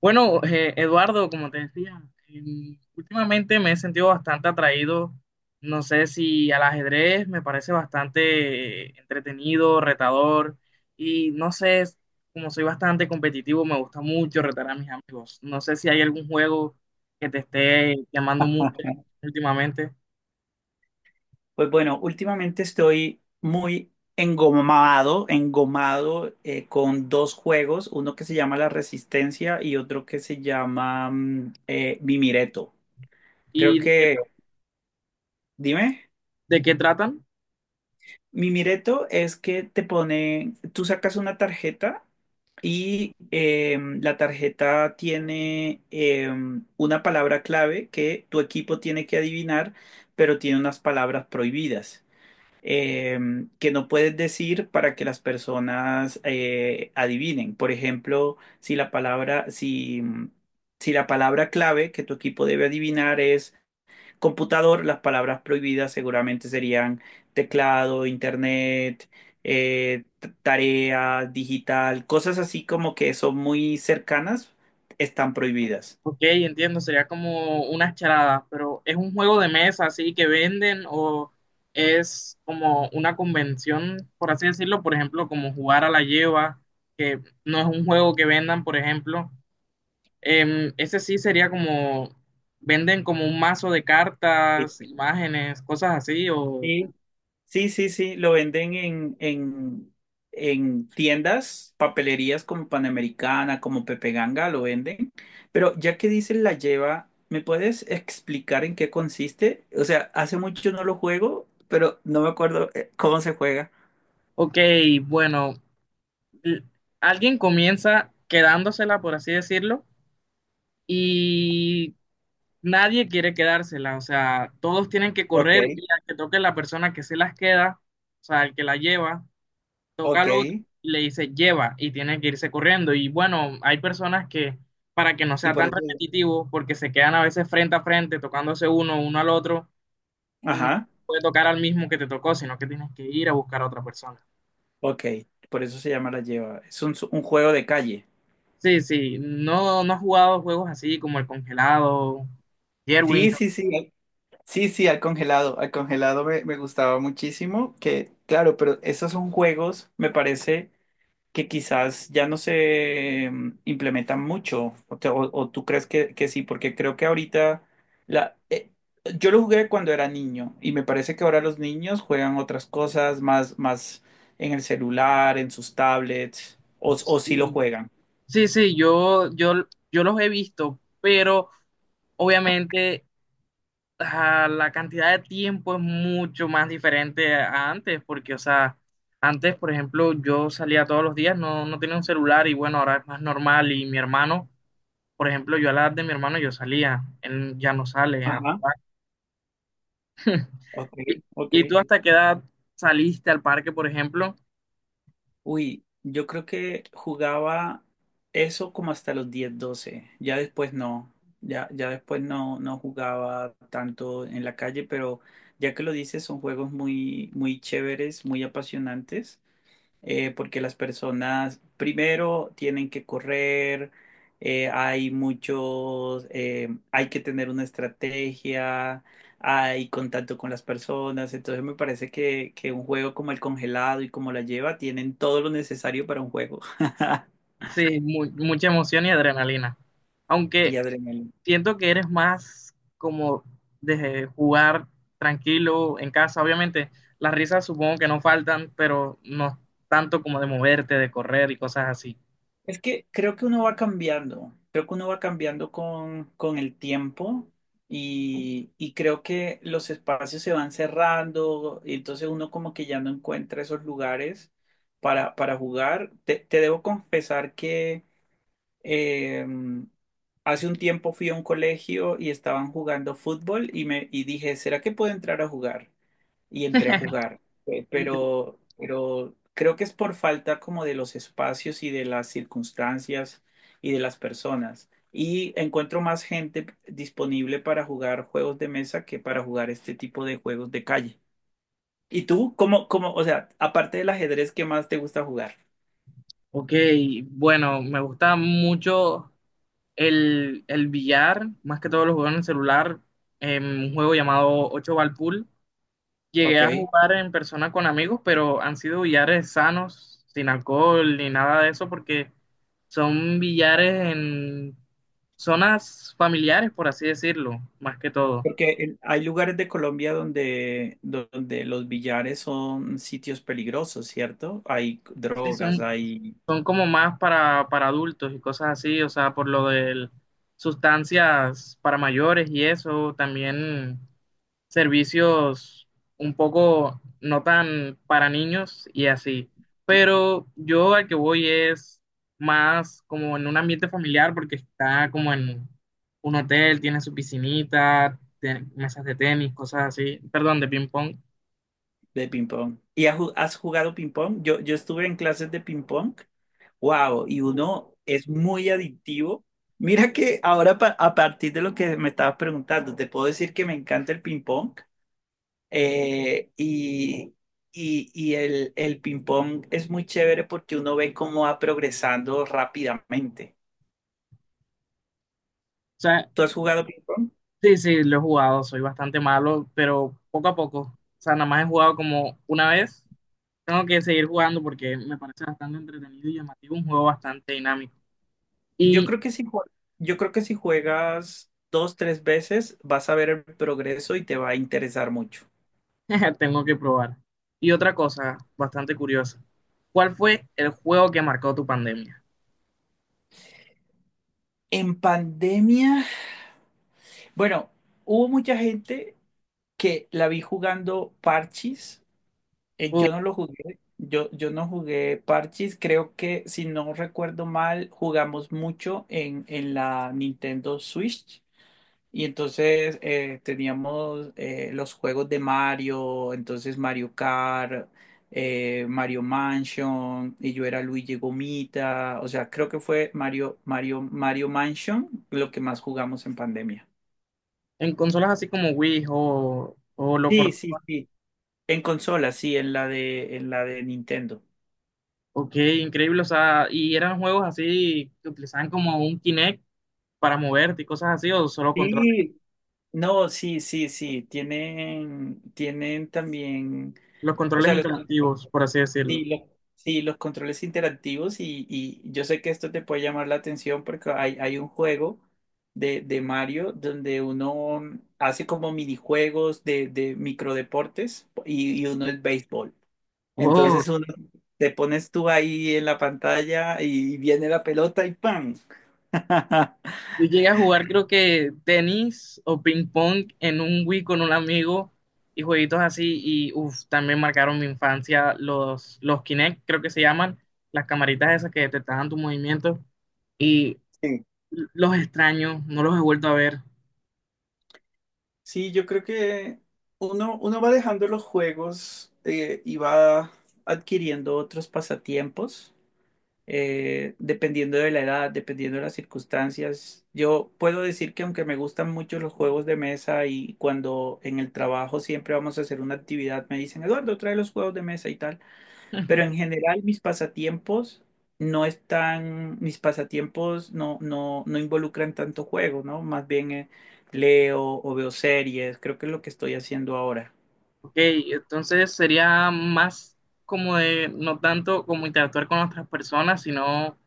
Bueno, Eduardo, como te decía, últimamente me he sentido bastante atraído, no sé si al ajedrez, me parece bastante entretenido, retador, y no sé, como soy bastante competitivo, me gusta mucho retar a mis amigos. No sé si hay algún juego que te esté llamando mucho Ajá. últimamente. Pues bueno, últimamente estoy muy engomado, engomado, con dos juegos, uno que se llama La Resistencia y otro que se llama Mimireto. Creo ¿Y que, dime, de qué tratan? Mimireto es que te pone, tú sacas una tarjeta y la tarjeta tiene una palabra clave que tu equipo tiene que adivinar, pero tiene unas palabras prohibidas. eh, que no puedes decir para que las personas adivinen. Por ejemplo, si la palabra, si la palabra clave que tu equipo debe adivinar es computador, las palabras prohibidas seguramente serían teclado, internet, tarea, digital, cosas así como que son muy cercanas, están prohibidas. Ok, entiendo, sería como unas charadas, pero ¿es un juego de mesa así que venden o es como una convención, por así decirlo? Por ejemplo, como jugar a la lleva, que no es un juego que vendan, por ejemplo. Ese sí sería como, venden como un mazo de cartas, imágenes, cosas así, o... Sí, sí, sí, sí, lo venden en tiendas, papelerías como Panamericana, como Pepe Ganga, lo venden. Pero ya que dices la lleva, ¿me puedes explicar en qué consiste? O sea, hace mucho no lo juego, pero no me acuerdo cómo se juega. Ok, bueno, l- alguien comienza quedándosela, por así decirlo, y nadie quiere quedársela, o sea, todos tienen que Ok, correr y al que toque la persona que se las queda, o sea, el que la lleva, toca al otro ok. y le dice lleva y tiene que irse corriendo. Y bueno, hay personas que para que no Y sea por tan eso... repetitivo, porque se quedan a veces frente a frente, tocándose uno al otro, no Ajá, puede tocar al mismo que te tocó, sino que tienes que ir a buscar a otra persona. ok. Por eso se llama la lleva. Es un juego de calle. Sí, sí, no, no has jugado juegos así como el congelado, Jerwin. Sí, sí, sí. Sí, sí, al congelado me gustaba muchísimo, que claro, pero esos son juegos, me parece que quizás ya no se implementan mucho, o tú crees que sí, porque creo que ahorita, la, eh, yo lo jugué cuando era niño y me parece que ahora los niños juegan otras cosas más, más en el celular, en sus tablets, o sí lo Sí, juegan. sí, sí, yo los he visto, pero obviamente la cantidad de tiempo es mucho más diferente a antes, porque, o sea, antes, por ejemplo, yo salía todos los días, no, no tenía un celular y bueno, ahora es más normal y mi hermano, por ejemplo, yo a la edad de mi hermano yo salía, él ya no sale a Ajá, jugar. ok, ¿Y, ok. y tú hasta qué edad saliste al parque, por ejemplo? Uy, yo creo que jugaba eso como hasta los 10, 12. Ya después no. Ya después no, no jugaba tanto en la calle, pero ya que lo dices, son juegos muy, muy chéveres, muy apasionantes, porque las personas primero tienen que correr, hay muchos, hay que tener una estrategia, hay contacto con las personas, entonces me parece que un juego como el congelado y como la lleva tienen todo lo necesario para un juego Sí, mucha emoción y adrenalina. y Aunque adrenalina. siento que eres más como de jugar tranquilo en casa. Obviamente, las risas supongo que no faltan, pero no tanto como de moverte, de correr y cosas así. Es que creo que uno va cambiando, creo que uno va cambiando con el tiempo y creo que los espacios se van cerrando y entonces uno como que ya no encuentra esos lugares para jugar. Te debo confesar que eh, hace un tiempo fui a un colegio y estaban jugando fútbol y dije, ¿será que puedo entrar a jugar? Y entré a jugar, Increíble. Pero creo que es por falta como de los espacios y de las circunstancias y de las personas. Y encuentro más gente disponible para jugar juegos de mesa que para jugar este tipo de juegos de calle. ¿Y tú, cómo, o sea, aparte del ajedrez, qué más te gusta jugar? Ok, bueno, me gusta mucho el billar, más que todo lo juego en el celular, en un juego llamado ocho Ball Pool. Llegué a Ok. jugar en persona con amigos, pero han sido billares sanos, sin alcohol ni nada de eso, porque son billares en zonas familiares, por así decirlo, más que todo. Porque hay lugares de Colombia donde los billares son sitios peligrosos, ¿cierto? Hay Sí, drogas, hay son como más para adultos y cosas así, o sea, por lo de sustancias para mayores y eso, también servicios un poco no tan para niños y así. Pero yo al que voy es más como en un ambiente familiar porque está como en un hotel, tiene su piscinita, mesas de tenis, cosas así, perdón, de ping pong. de ping-pong. ¿Y has jugado ping-pong? Yo estuve en clases de ping-pong. ¡Wow! Y Oh, o uno es muy adictivo. Mira que ahora, a partir de lo que me estabas preguntando, te puedo decir que me encanta el ping-pong. Eh, y, y el ping-pong es muy chévere porque uno ve cómo va progresando rápidamente. sea, ¿Tú has jugado ping pong? sí, sí, lo he jugado, soy bastante malo, pero poco a poco. O sea, nada más he jugado como una vez. Tengo que seguir jugando porque me parece bastante entretenido y llamativo, un juego bastante dinámico. Yo y creo que si, jue- yo creo que si juegas dos, tres veces, vas a ver el progreso y te va a interesar mucho. Tengo que probar. Y otra cosa bastante curiosa. ¿Cuál fue el juego que marcó tu pandemia? En pandemia, bueno, hubo mucha gente que la vi jugando parchis. Uh, Yo no lo jugué. Yo no jugué parchis. Creo que, si no recuerdo mal, jugamos mucho en la Nintendo Switch. Y entonces teníamos los juegos de Mario, entonces Mario Kart, Mario Mansion, y yo era Luigi Gomita. O sea, creo que fue Mario Mansion lo que más jugamos en pandemia. ¿En consolas así como Wii o lo Sí, por...? sí, sí. En consola, sí, en la de Nintendo. Ok, increíble. O sea, y eran juegos así que utilizaban como un Kinect para moverte y cosas así, o solo controles. Sí, No, sí, sí, sí. Tienen también. Los O controles sea, los. interactivos, por así decirlo. Sí, lo- sí, los controles interactivos y yo sé que esto te puede llamar la atención porque hay un juego de Mario donde uno hace como minijuegos de microdeportes y uno es béisbol. Oh, Entonces uno te pones tú ahí en la pantalla y viene la pelota y ¡pam! yo llegué a jugar creo que tenis o ping pong en un Wii con un amigo y jueguitos así y uf, también marcaron mi infancia los Kinect, creo que se llaman, las camaritas esas que detectaban tus movimientos y Sí, los extraño, no los he vuelto a ver. Sí, yo creo que uno va dejando los juegos y va adquiriendo otros pasatiempos, dependiendo de la edad, dependiendo de las circunstancias. Yo puedo decir que aunque me gustan mucho los juegos de mesa y cuando en el trabajo siempre vamos a hacer una actividad, me dicen, Eduardo, trae los juegos de mesa y tal, pero en general mis pasatiempos no están, mis pasatiempos no, no, no involucran tanto juego, ¿no? Más bien leo o veo series, creo que es lo que estoy haciendo ahora. Ok, entonces sería más como de, no tanto como interactuar con otras personas, sino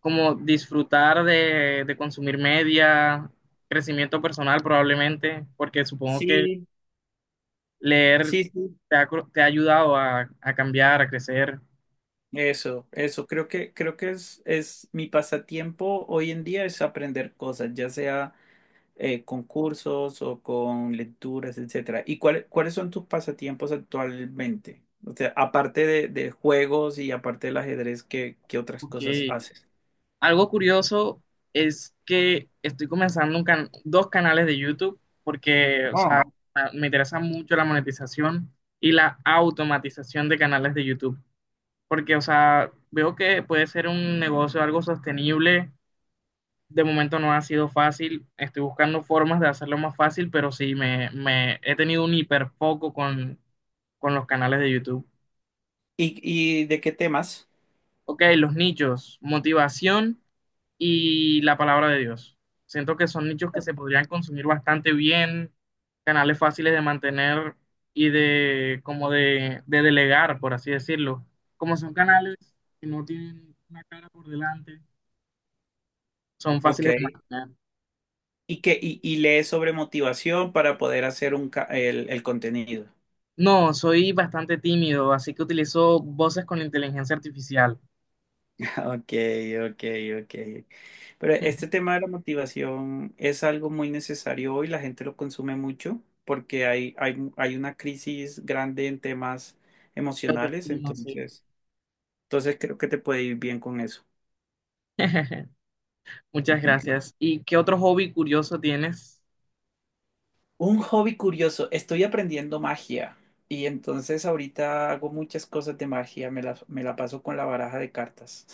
como disfrutar de consumir media, crecimiento personal probablemente, porque supongo que Sí, leer sí, sí. te ha, te ha ayudado a cambiar, a crecer. Eso, creo que es mi pasatiempo hoy en día es aprender cosas, ya sea con cursos o con lecturas, etcétera. ¿Y cuáles son tus pasatiempos actualmente? O sea, aparte de juegos y aparte del ajedrez, ¿qué, qué otras Ok. cosas haces? Algo curioso es que estoy comenzando un dos canales de YouTube porque, o sea, Oh. me interesa mucho la monetización y la automatización de canales de YouTube. Porque, o sea, veo que puede ser un negocio algo sostenible. De momento no ha sido fácil. Estoy buscando formas de hacerlo más fácil, pero sí, me he tenido un hiperfoco con los canales de YouTube. Y de qué temas? Ok, los nichos, motivación y la palabra de Dios. Siento que son nichos que se podrían consumir bastante bien, canales fáciles de mantener y de como de delegar, por así decirlo. Como son canales que no tienen una cara por delante, son Ok. fáciles de imaginar. ¿Y qué, y lees sobre motivación para poder hacer el contenido? No, soy bastante tímido, así que utilizo voces con inteligencia artificial. Ok, ok, ok. Pero este tema de la motivación es algo muy necesario hoy, la gente lo consume mucho porque hay una crisis grande en temas emocionales, Sí, no sé. entonces, entonces creo que te puede ir bien con eso. Muchas gracias. ¿Y qué otro hobby curioso tienes? Un hobby curioso, estoy aprendiendo magia y entonces ahorita hago muchas cosas de magia, me la paso con la baraja de cartas.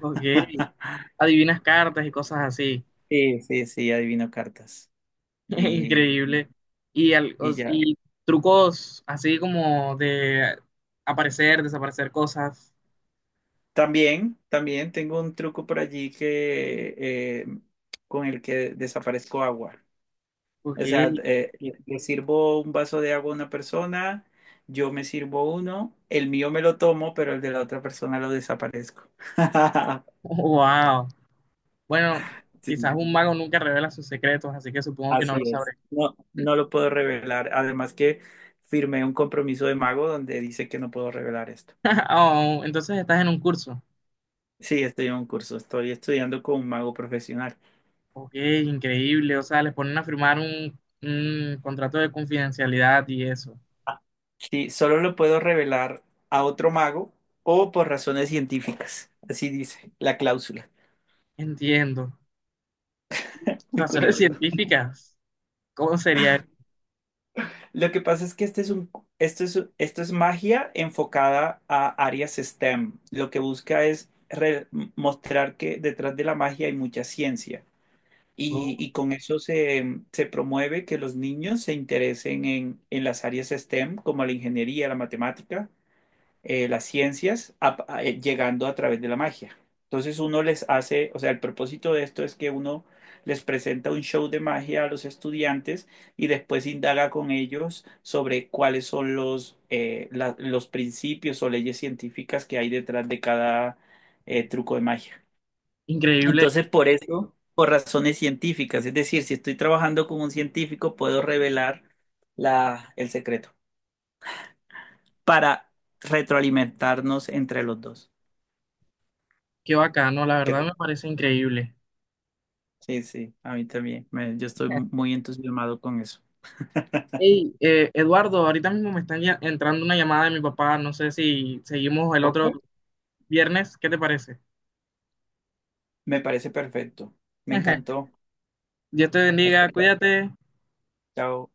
Ok, adivinas cartas y cosas así. Sí, sí, sí, adivino cartas y, Increíble. Y, al- y os- ya. y trucos así como de aparecer, desaparecer cosas. También, también tengo un truco por allí que eh, con el que desaparezco agua. Ok, O sea, le sirvo un vaso de agua a una persona, yo me sirvo uno, el mío me lo tomo, pero el de la otra persona lo desaparezco. wow. Bueno, quizás Sí, un mago nunca revela sus secretos, así que supongo que no así lo sabré. es. No, no lo puedo revelar. Además que firmé un compromiso de mago donde dice que no puedo revelar esto. Oh, entonces estás en un curso. Sí, estoy en un curso, estoy estudiando con un mago profesional. Ok, increíble. O sea, les ponen a firmar un contrato de confidencialidad y eso. Sí, solo lo puedo revelar a otro mago o por razones científicas. Así dice la cláusula. Entiendo. Muy Razones curioso. científicas. ¿Cómo sería Lo que pasa es que este es un, esto es magia enfocada a áreas STEM. Lo que busca es mostrar que detrás de la magia hay mucha ciencia. Eso? Y con eso se promueve que los niños se interesen en las áreas STEM, como la ingeniería, la matemática, las ciencias a- llegando a través de la magia. Entonces uno les hace, o sea, el propósito de esto es que uno les presenta un show de magia a los estudiantes y después indaga con ellos sobre cuáles son los principios o leyes científicas que hay detrás de cada truco de magia. Increíble. Entonces, por eso, por razones científicas, es decir, si estoy trabajando con un científico, puedo revelar el secreto para retroalimentarnos entre los dos. Qué bacano. La ¿Qué verdad me parece increíble. Sí, sí, a mí también. Yo estoy muy entusiasmado con eso. Hey, Eduardo, ahorita mismo me está entrando una llamada de mi papá. No sé si seguimos el otro ¿Poco? viernes. ¿Qué te parece? Me parece perfecto. Me encantó Dios te bendiga. escuchar. Cuídate. Chao.